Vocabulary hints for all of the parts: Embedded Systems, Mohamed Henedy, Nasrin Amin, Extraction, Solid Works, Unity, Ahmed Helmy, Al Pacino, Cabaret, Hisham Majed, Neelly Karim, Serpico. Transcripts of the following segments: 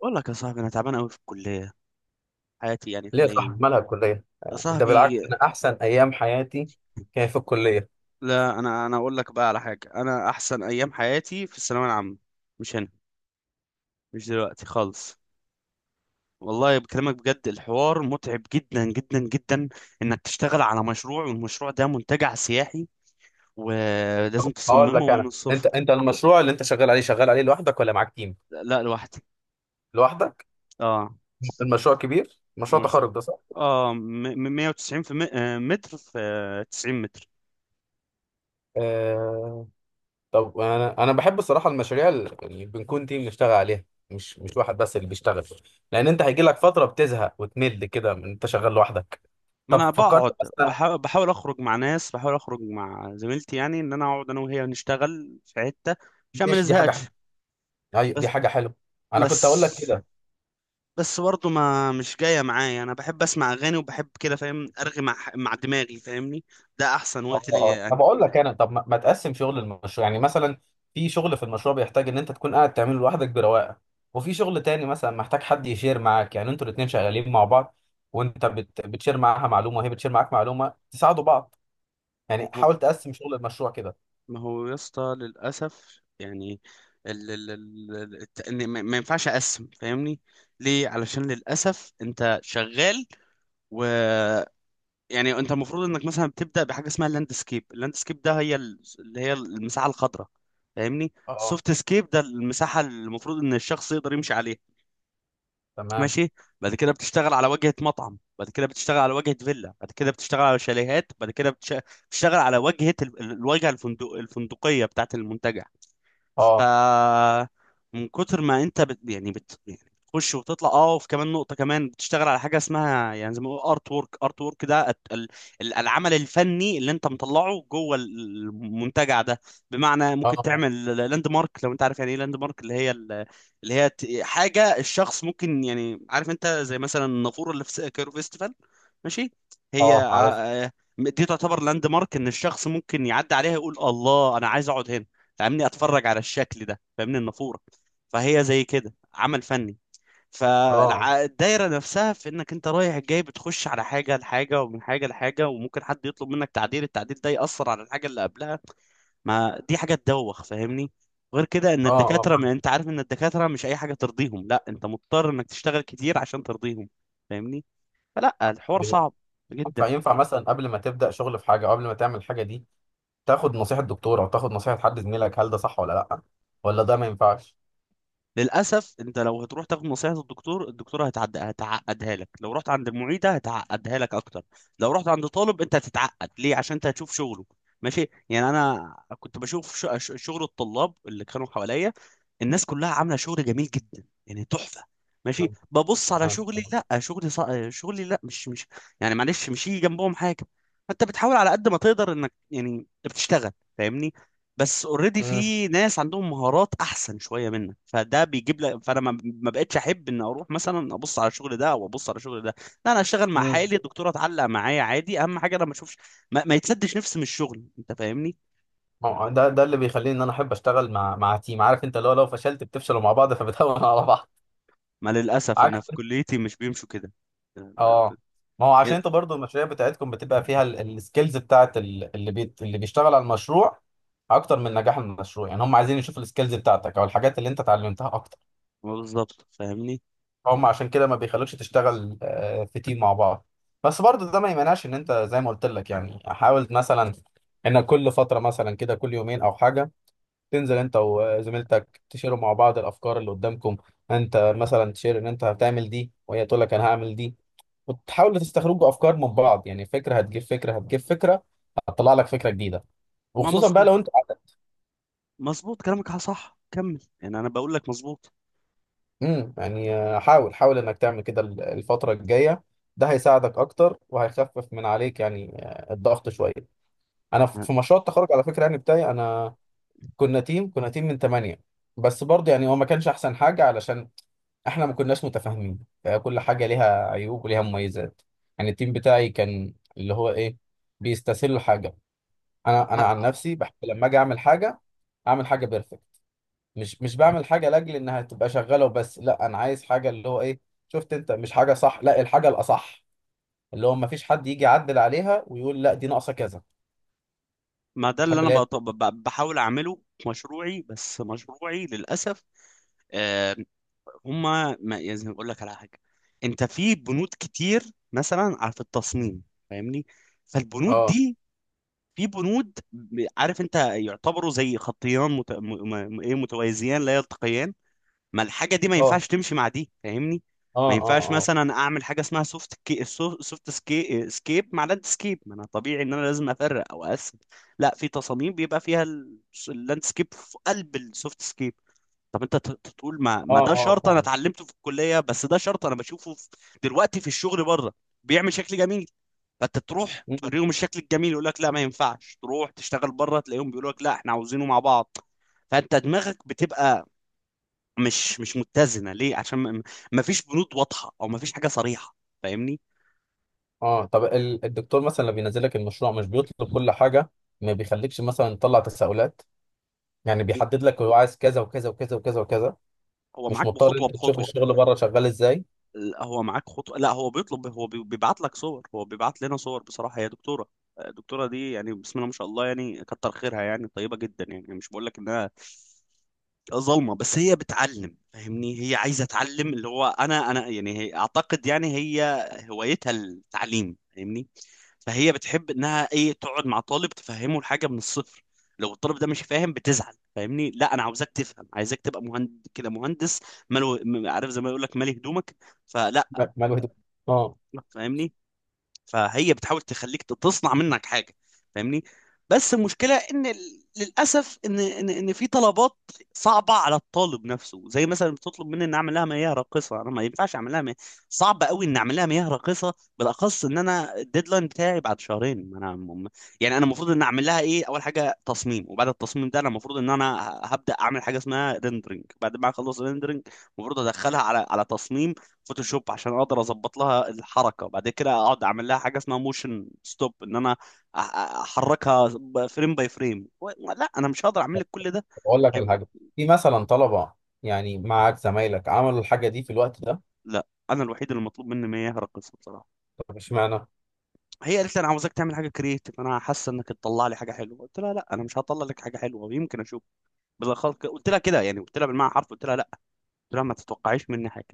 بقول لك يا صاحبي، انا تعبان قوي في الكليه. حياتي يعني ليه يا صاحبي حاليا، مالها الكلية؟ يا ده بالعكس، صاحبي. أنا أحسن أيام حياتي كانت في الكلية. لا انا اقول لك بقى على حاجه، انا احسن ايام حياتي في الثانويه العامه، مش هنا، مش دلوقتي خالص. والله بكلمك بجد، الحوار متعب جدا جدا جدا، انك تشتغل على مشروع والمشروع ده منتجع سياحي ولازم هقول لك تصممه من أنا، أنت الصفر. أنت المشروع اللي أنت شغال عليه لوحدك ولا معاك تيم؟ لا، لوحدي. لوحدك؟ اه. المشروع كبير؟ مشروع المشروع تخرج ده، صح؟ اه م- 190 في متر في 90 متر. آه. طب أنا بحب الصراحة المشاريع اللي بنكون تيم نشتغل عليها، مش واحد بس اللي بيشتغل. لأن أنت هيجي لك فترة بتزهق وتمل كده من أنت شغال لوحدك. ما طب انا فكرت بقعد مثلا؟ بحاول اخرج مع ناس، بحاول اخرج مع زميلتي، يعني ان انا اقعد انا وهي نشتغل في حتة عشان ما ماشي، دي حاجة حلوة. نزهقش. أيوة، دي بس حاجة حلوة. أنا بس كنت أقول لك كده. بس برضه ما مش جاية معايا، انا بحب اسمع اغاني وبحب كده، فاهم؟ ارغي مع دماغي، فاهمني؟ ده احسن اه، وقت ليا اه، طب يعني. اقول لك انا، طب ما تقسم شغل المشروع، يعني مثلا في شغل في المشروع بيحتاج ان انت تكون قاعد تعمله لوحدك برواقه، وفي شغل تاني مثلا محتاج حد يشير معاك، يعني انتوا الاتنين شغالين مع بعض، وانت بتشير معاها معلومه وهي بتشير معاك معلومه تساعدوا بعض. يعني ما هو حاول تقسم شغل المشروع كده. ما هو يا اسطى، للاسف يعني إن ما ينفعش اقسم، فاهمني؟ ليه؟ علشان للاسف انت شغال، يعني انت المفروض انك مثلا بتبدا بحاجه اسمها اللاند سكيب. اللاند سكيب ده هي اللي هي المساحه الخضراء، فاهمني؟ اه، اه، السوفت سكيب ده المساحه اللي المفروض ان الشخص يقدر يمشي عليها، تمام. ماشي. بعد كده بتشتغل على واجهه مطعم، بعد كده بتشتغل على واجهه فيلا، بعد كده بتشتغل على شاليهات، بعد كده بتشتغل على واجهه الواجهه الفندق الفندقيه بتاعه المنتجع. ف، اه، من كتر ما انت بت... يعني بت... يعني بتخش وتطلع. اه. وفي كمان نقطه كمان بتشتغل على حاجه اسمها يعني زي ما بيقولوا ارت وورك. ارت وورك ده العمل الفني اللي انت مطلعه جوه المنتجع ده. بمعنى ممكن اه، تعمل لاند مارك، لو انت عارف يعني ايه لاند مارك، اللي هي حاجه الشخص ممكن، يعني عارف انت زي مثلا النافوره اللي في كايرو فيستيفال، ماشي؟ هي اه، عارف. آه، دي تعتبر لاند مارك، ان الشخص ممكن يعدي عليها يقول الله، انا عايز اقعد هنا، فاهمني؟ اتفرج على الشكل ده، فاهمني؟ النافوره، فهي زي كده عمل فني. اه، فالدايره نفسها في انك انت رايح جاي، بتخش على حاجه لحاجه ومن حاجه لحاجه، وممكن حد يطلب منك تعديل، التعديل ده ياثر على الحاجه اللي قبلها، ما دي حاجه تدوخ، فاهمني؟ غير كده ان اه، اه، الدكاتره، فاهم. ما انت عارف ان الدكاتره مش اي حاجه ترضيهم، لا، انت مضطر انك تشتغل كتير عشان ترضيهم، فاهمني؟ فلا، الحوار طيب صعب ينفع جدا. ينفع مثلا قبل ما تبدا شغل في حاجه، او قبل ما تعمل الحاجه دي، تاخد نصيحه دكتور او تاخد نصيحه حد زميلك، هل ده صح ولا لا، ولا ده ما ينفعش؟ للاسف انت لو هتروح تاخد نصيحه الدكتور، الدكتوره هتعقدها لك، لو رحت عند المعيده هتعقدها لك اكتر، لو رحت عند طالب انت هتتعقد. ليه؟ عشان انت هتشوف شغله، ماشي؟ يعني انا كنت بشوف شغل الطلاب اللي كانوا حواليا، الناس كلها عامله شغل جميل جدا، يعني تحفه. ماشي، ببص على تمام، شغلي، تمام. لا، شغلي لا، مش مش يعني معلش مش يجي جنبهم حاجه. انت بتحاول على قد ما تقدر انك يعني بتشتغل، فاهمني؟ بس اوريدي امم. في ناس عندهم مهارات احسن شويه منك، فده بيجيب لك، فانا ما بقتش احب ان اروح مثلا ابص على الشغل ده او ابص على الشغل ده. لا، انا اشتغل مع امم. حالي، الدكتوره تعلق معايا عادي، اهم حاجه انا ما اشوفش. ما يتسدش نفسي من الشغل، انت فاهمني؟ ما هو ده اللي بيخليني ان انا احب اشتغل مع تيم. عارف انت لو فشلت بتفشلوا مع بعض فبتهون على بعض. ما للاسف انا عكس. في كليتي مش بيمشوا كده اه. ما هو عشان يعني. انت برضو المشاريع بتاعتكم بتبقى فيها السكيلز بتاعت اللي بيشتغل على المشروع، اكتر من نجاح المشروع. يعني هم عايزين يشوفوا السكيلز بتاعتك او الحاجات اللي انت اتعلمتها اكتر. ما بالظبط، فاهمني؟ هم عشان كده ما بيخلوكش تشتغل في تيم مع بعض. بس برضو ده ما يمنعش ان انت، زي ما قلت لك، يعني حاول مثلا انك كل فترة مثلا كده، كل يومين او حاجة، تنزل انت وزميلتك تشيروا مع بعض الافكار اللي قدامكم. انت مثلا تشير ان انت هتعمل دي وهي تقول لك انا هعمل دي، وتحاولوا تستخرجوا افكار من بعض. يعني فكره هتجيب فكره، هتجيب فكره، هتطلع لك فكره جديده. ما وخصوصا بقى مظبوط، لو انت... مظبوط كلامك، صح، كمل يعني، انا بقول لك مظبوط. امم، يعني حاول حاول انك تعمل كده الفتره الجايه. ده هيساعدك اكتر وهيخفف من عليك، يعني الضغط شويه. انا في ما في مشروع التخرج على فكره، يعني بتاعي انا، كنا تيم من ثمانية. بس برضه يعني هو ما كانش احسن حاجة، علشان احنا ما كناش متفاهمين. فكل حاجة ليها عيوب وليها مميزات. يعني التيم بتاعي كان اللي هو ايه، بيستسهلوا حاجة. انا عن نفسي بحب لما اجي اعمل حاجة، اعمل حاجة بيرفكت. مش بعمل حاجة لاجل انها تبقى شغالة وبس، لا انا عايز حاجة اللي هو ايه، شفت انت، مش حاجة صح، لا الحاجة الاصح، اللي هو ما فيش حد يجي يعدل عليها ويقول لا، دي ناقصة كذا. ما ده اللي احب انا اللي هي... بحاول اعمله في مشروعي، بس مشروعي للاسف، آه، هم، ما يعني اقول لك على حاجه. انت في بنود كتير مثلا على، في التصميم، فاهمني؟ فالبنود اه، دي، في بنود عارف انت يعتبروا زي خطيان ايه، متوازيان لا يلتقيان. ما الحاجه دي ما اه، ينفعش تمشي مع دي، فاهمني؟ اه، ما اه، ينفعش اه، مثلا اعمل حاجه اسمها سوفت سكيب مع لاند سكيب، ما انا طبيعي ان انا لازم افرق او اقسم. لا، في تصاميم بيبقى فيها اللاند سكيب في قلب السوفت سكيب. طب انت تقول ما اه، ده اه، شرط انا اتعلمته في الكليه، بس ده شرط انا بشوفه في دلوقتي في الشغل بره، بيعمل شكل جميل. فانت تروح فاهمة. توريهم الشكل الجميل، يقول لك لا ما ينفعش، تروح تشتغل بره تلاقيهم بيقولوا لك لا احنا عاوزينه مع بعض. فانت دماغك بتبقى مش متزنه. ليه؟ عشان ما فيش بنود واضحه او ما فيش حاجه صريحه، فاهمني؟ اه، طب الدكتور مثلا لما بينزل لك المشروع مش بيطلب كل حاجه؟ ما بيخليكش مثلا تطلع تساؤلات، يعني بيحدد لك هو عايز كذا وكذا وكذا وكذا وكذا، هو مش معاك مضطر بخطوه انت تشوف بخطوه. الشغل بره شغال ازاي. لا، هو معاك خطوة، لا هو بيطلب، هو بيبعت لك صور، هو بيبعت لنا صور بصراحة. هي دكتورة، الدكتورة دي يعني بسم الله ما شاء الله، يعني كتر خيرها، يعني طيبة جدا، يعني مش بقول لك انها ظلمة، بس هي بتعلم، فاهمني؟ هي عايزة تعلم، اللي هو انا يعني هي اعتقد، يعني هي هوايتها التعليم، فاهمني؟ فهي بتحب انها ايه، تقعد مع طالب تفهمه الحاجة من الصفر. لو الطالب ده مش فاهم بتزعل، فاهمني؟ لا انا عاوزاك تفهم، عايزاك تبقى مهندس كده مهندس، مالو. عارف زي ما يقول لك، مالي هدومك. فلا، لا، ما الواحد- اه. فاهمني؟ فهي بتحاول تخليك تصنع منك حاجه، فاهمني؟ بس المشكله ان للاسف ان في طلبات صعبه على الطالب نفسه، زي مثلا بتطلب مني ان اعمل لها مياه راقصه، انا ما ينفعش اعمل لها مياه، صعب قوي ان اعمل لها مياه راقصه، بالاخص ان انا الديدلاين بتاعي بعد شهرين. ما انا م- يعني انا المفروض ان اعمل لها ايه؟ اول حاجه تصميم، وبعد التصميم ده انا المفروض ان انا هبدا اعمل حاجه اسمها ريندرنج، بعد ما اخلص ريندرنج المفروض ادخلها على على تصميم فوتوشوب عشان اقدر اظبط لها الحركه، بعد كده اقعد اعمل لها حاجه اسمها موشن ستوب، ان انا احركها فريم باي فريم. لا، انا مش هقدر اعمل لك كل ده. اقول لك على حاجه، في مثلا طلبه، يعني معاك زمايلك عملوا الحاجه دي في الوقت ده؟ لا، انا الوحيد اللي مطلوب مني ما يهرقص بصراحه. طب اشمعنى؟ هي قالت لي انا عاوزاك تعمل حاجه كريتيف، انا حاسه انك تطلع لي حاجه حلوه، قلت لها لا انا مش هطلع لك حاجه حلوه، ويمكن اشوف. بالاخص قلت لها كده يعني، قلت لها بالمعنى حرف، قلت لها، قلت لها ما تتوقعيش مني حاجه.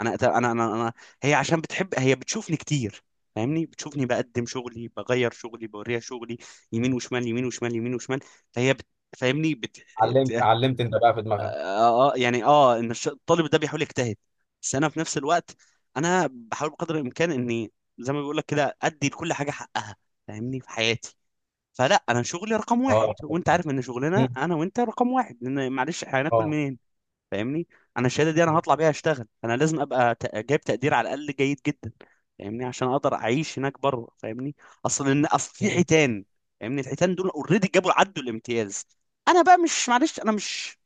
انا هي عشان بتحب، هي بتشوفني كتير، فاهمني؟ بتشوفني بقدم شغلي، بغير شغلي، بوريها شغلي يمين وشمال، يمين وشمال، يمين وشمال. فهي بت... فاهمني، بت... بت... علمت آه علمت انت بقى في دماغها. آه، آه، يعني ان الطالب ده بيحاول يجتهد. بس انا في نفس الوقت، انا بحاول بقدر الامكان اني زي ما بيقول لك كده، ادي لكل حاجه حقها، فاهمني، في حياتي. فلا، انا شغلي رقم واحد، اه. وانت عارف ان شغلنا مم. انا وانت رقم واحد، لان معلش هناكل اه. منين؟ فاهمني؟ انا الشهاده دي انا هطلع بيها اشتغل، انا لازم ابقى جايب تقدير على الاقل جيد جدا، فاهمني؟ عشان اقدر اعيش هناك بره، فاهمني؟ اصل ان اصل في مم. حيتان، فاهمني؟ الحيتان دول اوريدي جابوا عدوا الامتياز، انا بقى مش، معلش، انا مش،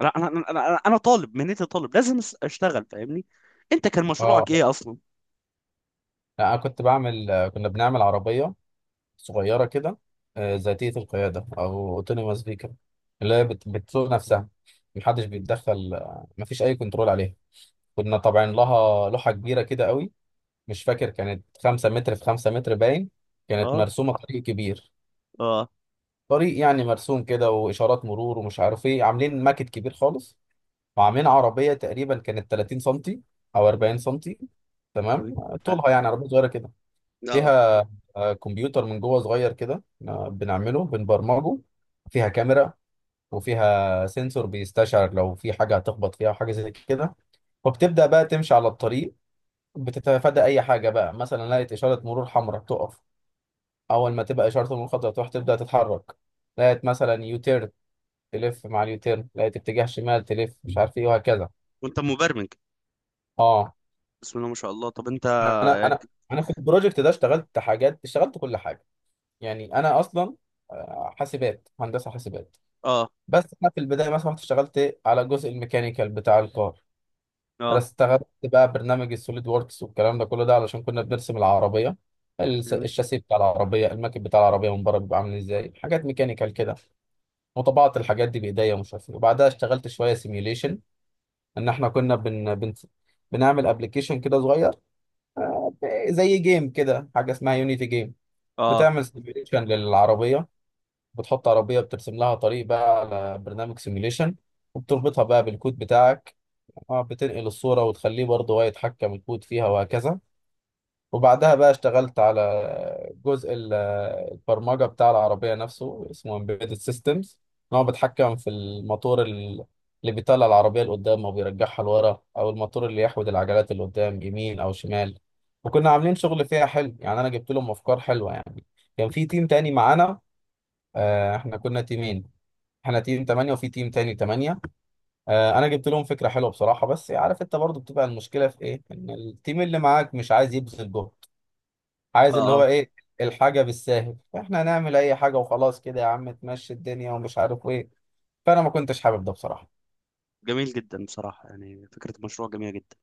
لا، انا انا انا أنا طالب، مهنتي طالب، لازم اشتغل، فاهمني؟ انت كان مشروعك اه. ايه اصلا؟ لا، انا كنت بعمل كنا بنعمل عربيه صغيرة كده، ذاتية القيادة أو autonomous vehicle، اللي هي بتسوق نفسها، محدش بيتدخل. مفيش أي كنترول عليها. كنا طبعا لها لوحة كبيرة كده قوي، مش فاكر، كانت 5 متر في 5 متر باين. كانت اه، مرسومة طريق كبير، اه، طريق يعني مرسوم كده وإشارات مرور ومش عارف إيه، عاملين ماكت كبير خالص. وعاملين عربية تقريبا كانت 30 سنتي أو 40 سنتي، تمام، اه، طولها، يعني عربية صغيرة كده. آه. فيها كمبيوتر من جوه صغير كده، بنعمله بنبرمجه، فيها كاميرا، وفيها سنسور بيستشعر لو في حاجة هتخبط فيها وحاجة زي كده. وبتبدأ بقى تمشي على الطريق، بتتفادى أي حاجة، بقى مثلا لقيت إشارة مرور حمراء تقف، أول ما تبقى إشارة المرور خضراء تروح تبدأ تتحرك، لقيت مثلا يوتيرن تلف مع اليوتيرن، لقيت اتجاه شمال تلف مش عارف إيه، وهكذا. وانت مبرمج؟ أه. بسم الله ما شاء الله. طب انت، أنا اه، أنا أنا في البروجكت ده اشتغلت حاجات، اشتغلت كل حاجة. يعني أنا أصلا حاسبات، هندسة حاسبات. اه، بس انا في البدايه مثلا رحت اشتغلت على جزء الميكانيكال بتاع الكار. انا اه، استخدمت بقى برنامج السوليد ووركس والكلام ده كله، ده علشان كنا بنرسم العربيه، الشاسيه بتاع العربيه، الماكب بتاع العربيه من بره بيبقى عامل ازاي، حاجات ميكانيكال كده. وطبعت الحاجات دي بايديا ومش عارف ايه. وبعدها اشتغلت شويه سيميوليشن، ان احنا كنا بنعمل ابلكيشن كده صغير، زي جيم كده، حاجه اسمها يونيتي جيم، اه، بتعمل سيميوليشن للعربيه. بتحط عربيه بترسم لها طريق بقى على برنامج سيميوليشن، وبتربطها بقى بالكود بتاعك. اه، بتنقل الصورة وتخليه برضه هو يتحكم الكود فيها، وهكذا. وبعدها بقى اشتغلت على جزء البرمجة بتاع العربية نفسه، اسمه Embedded Systems، ان هو بيتحكم في الموتور اللي بيطلع العربية لقدام او بيرجعها لورا، او الموتور اللي يحود العجلات اللي قدام يمين او شمال. وكنا عاملين شغل فيها حلو، يعني انا جبت لهم افكار حلوة يعني. كان في تيم تاني معانا. احنا كنا تيمين، احنا تيم تمانية وفي تيم تاني تمانية. انا جبت لهم فكره حلوه بصراحه. بس عارف انت برضو بتبقى المشكله في ايه، ان التيم اللي معاك مش عايز يبذل جهد، اه، عايز اللي هو آه. ايه، الحاجه بالساهل، فاحنا هنعمل اي حاجه وخلاص كده، يا عم تمشي الدنيا ومش عارف ايه. فانا ما كنتش حابب ده بصراحه. جميل جدا بصراحة، يعني فكرة المشروع جميلة جدا.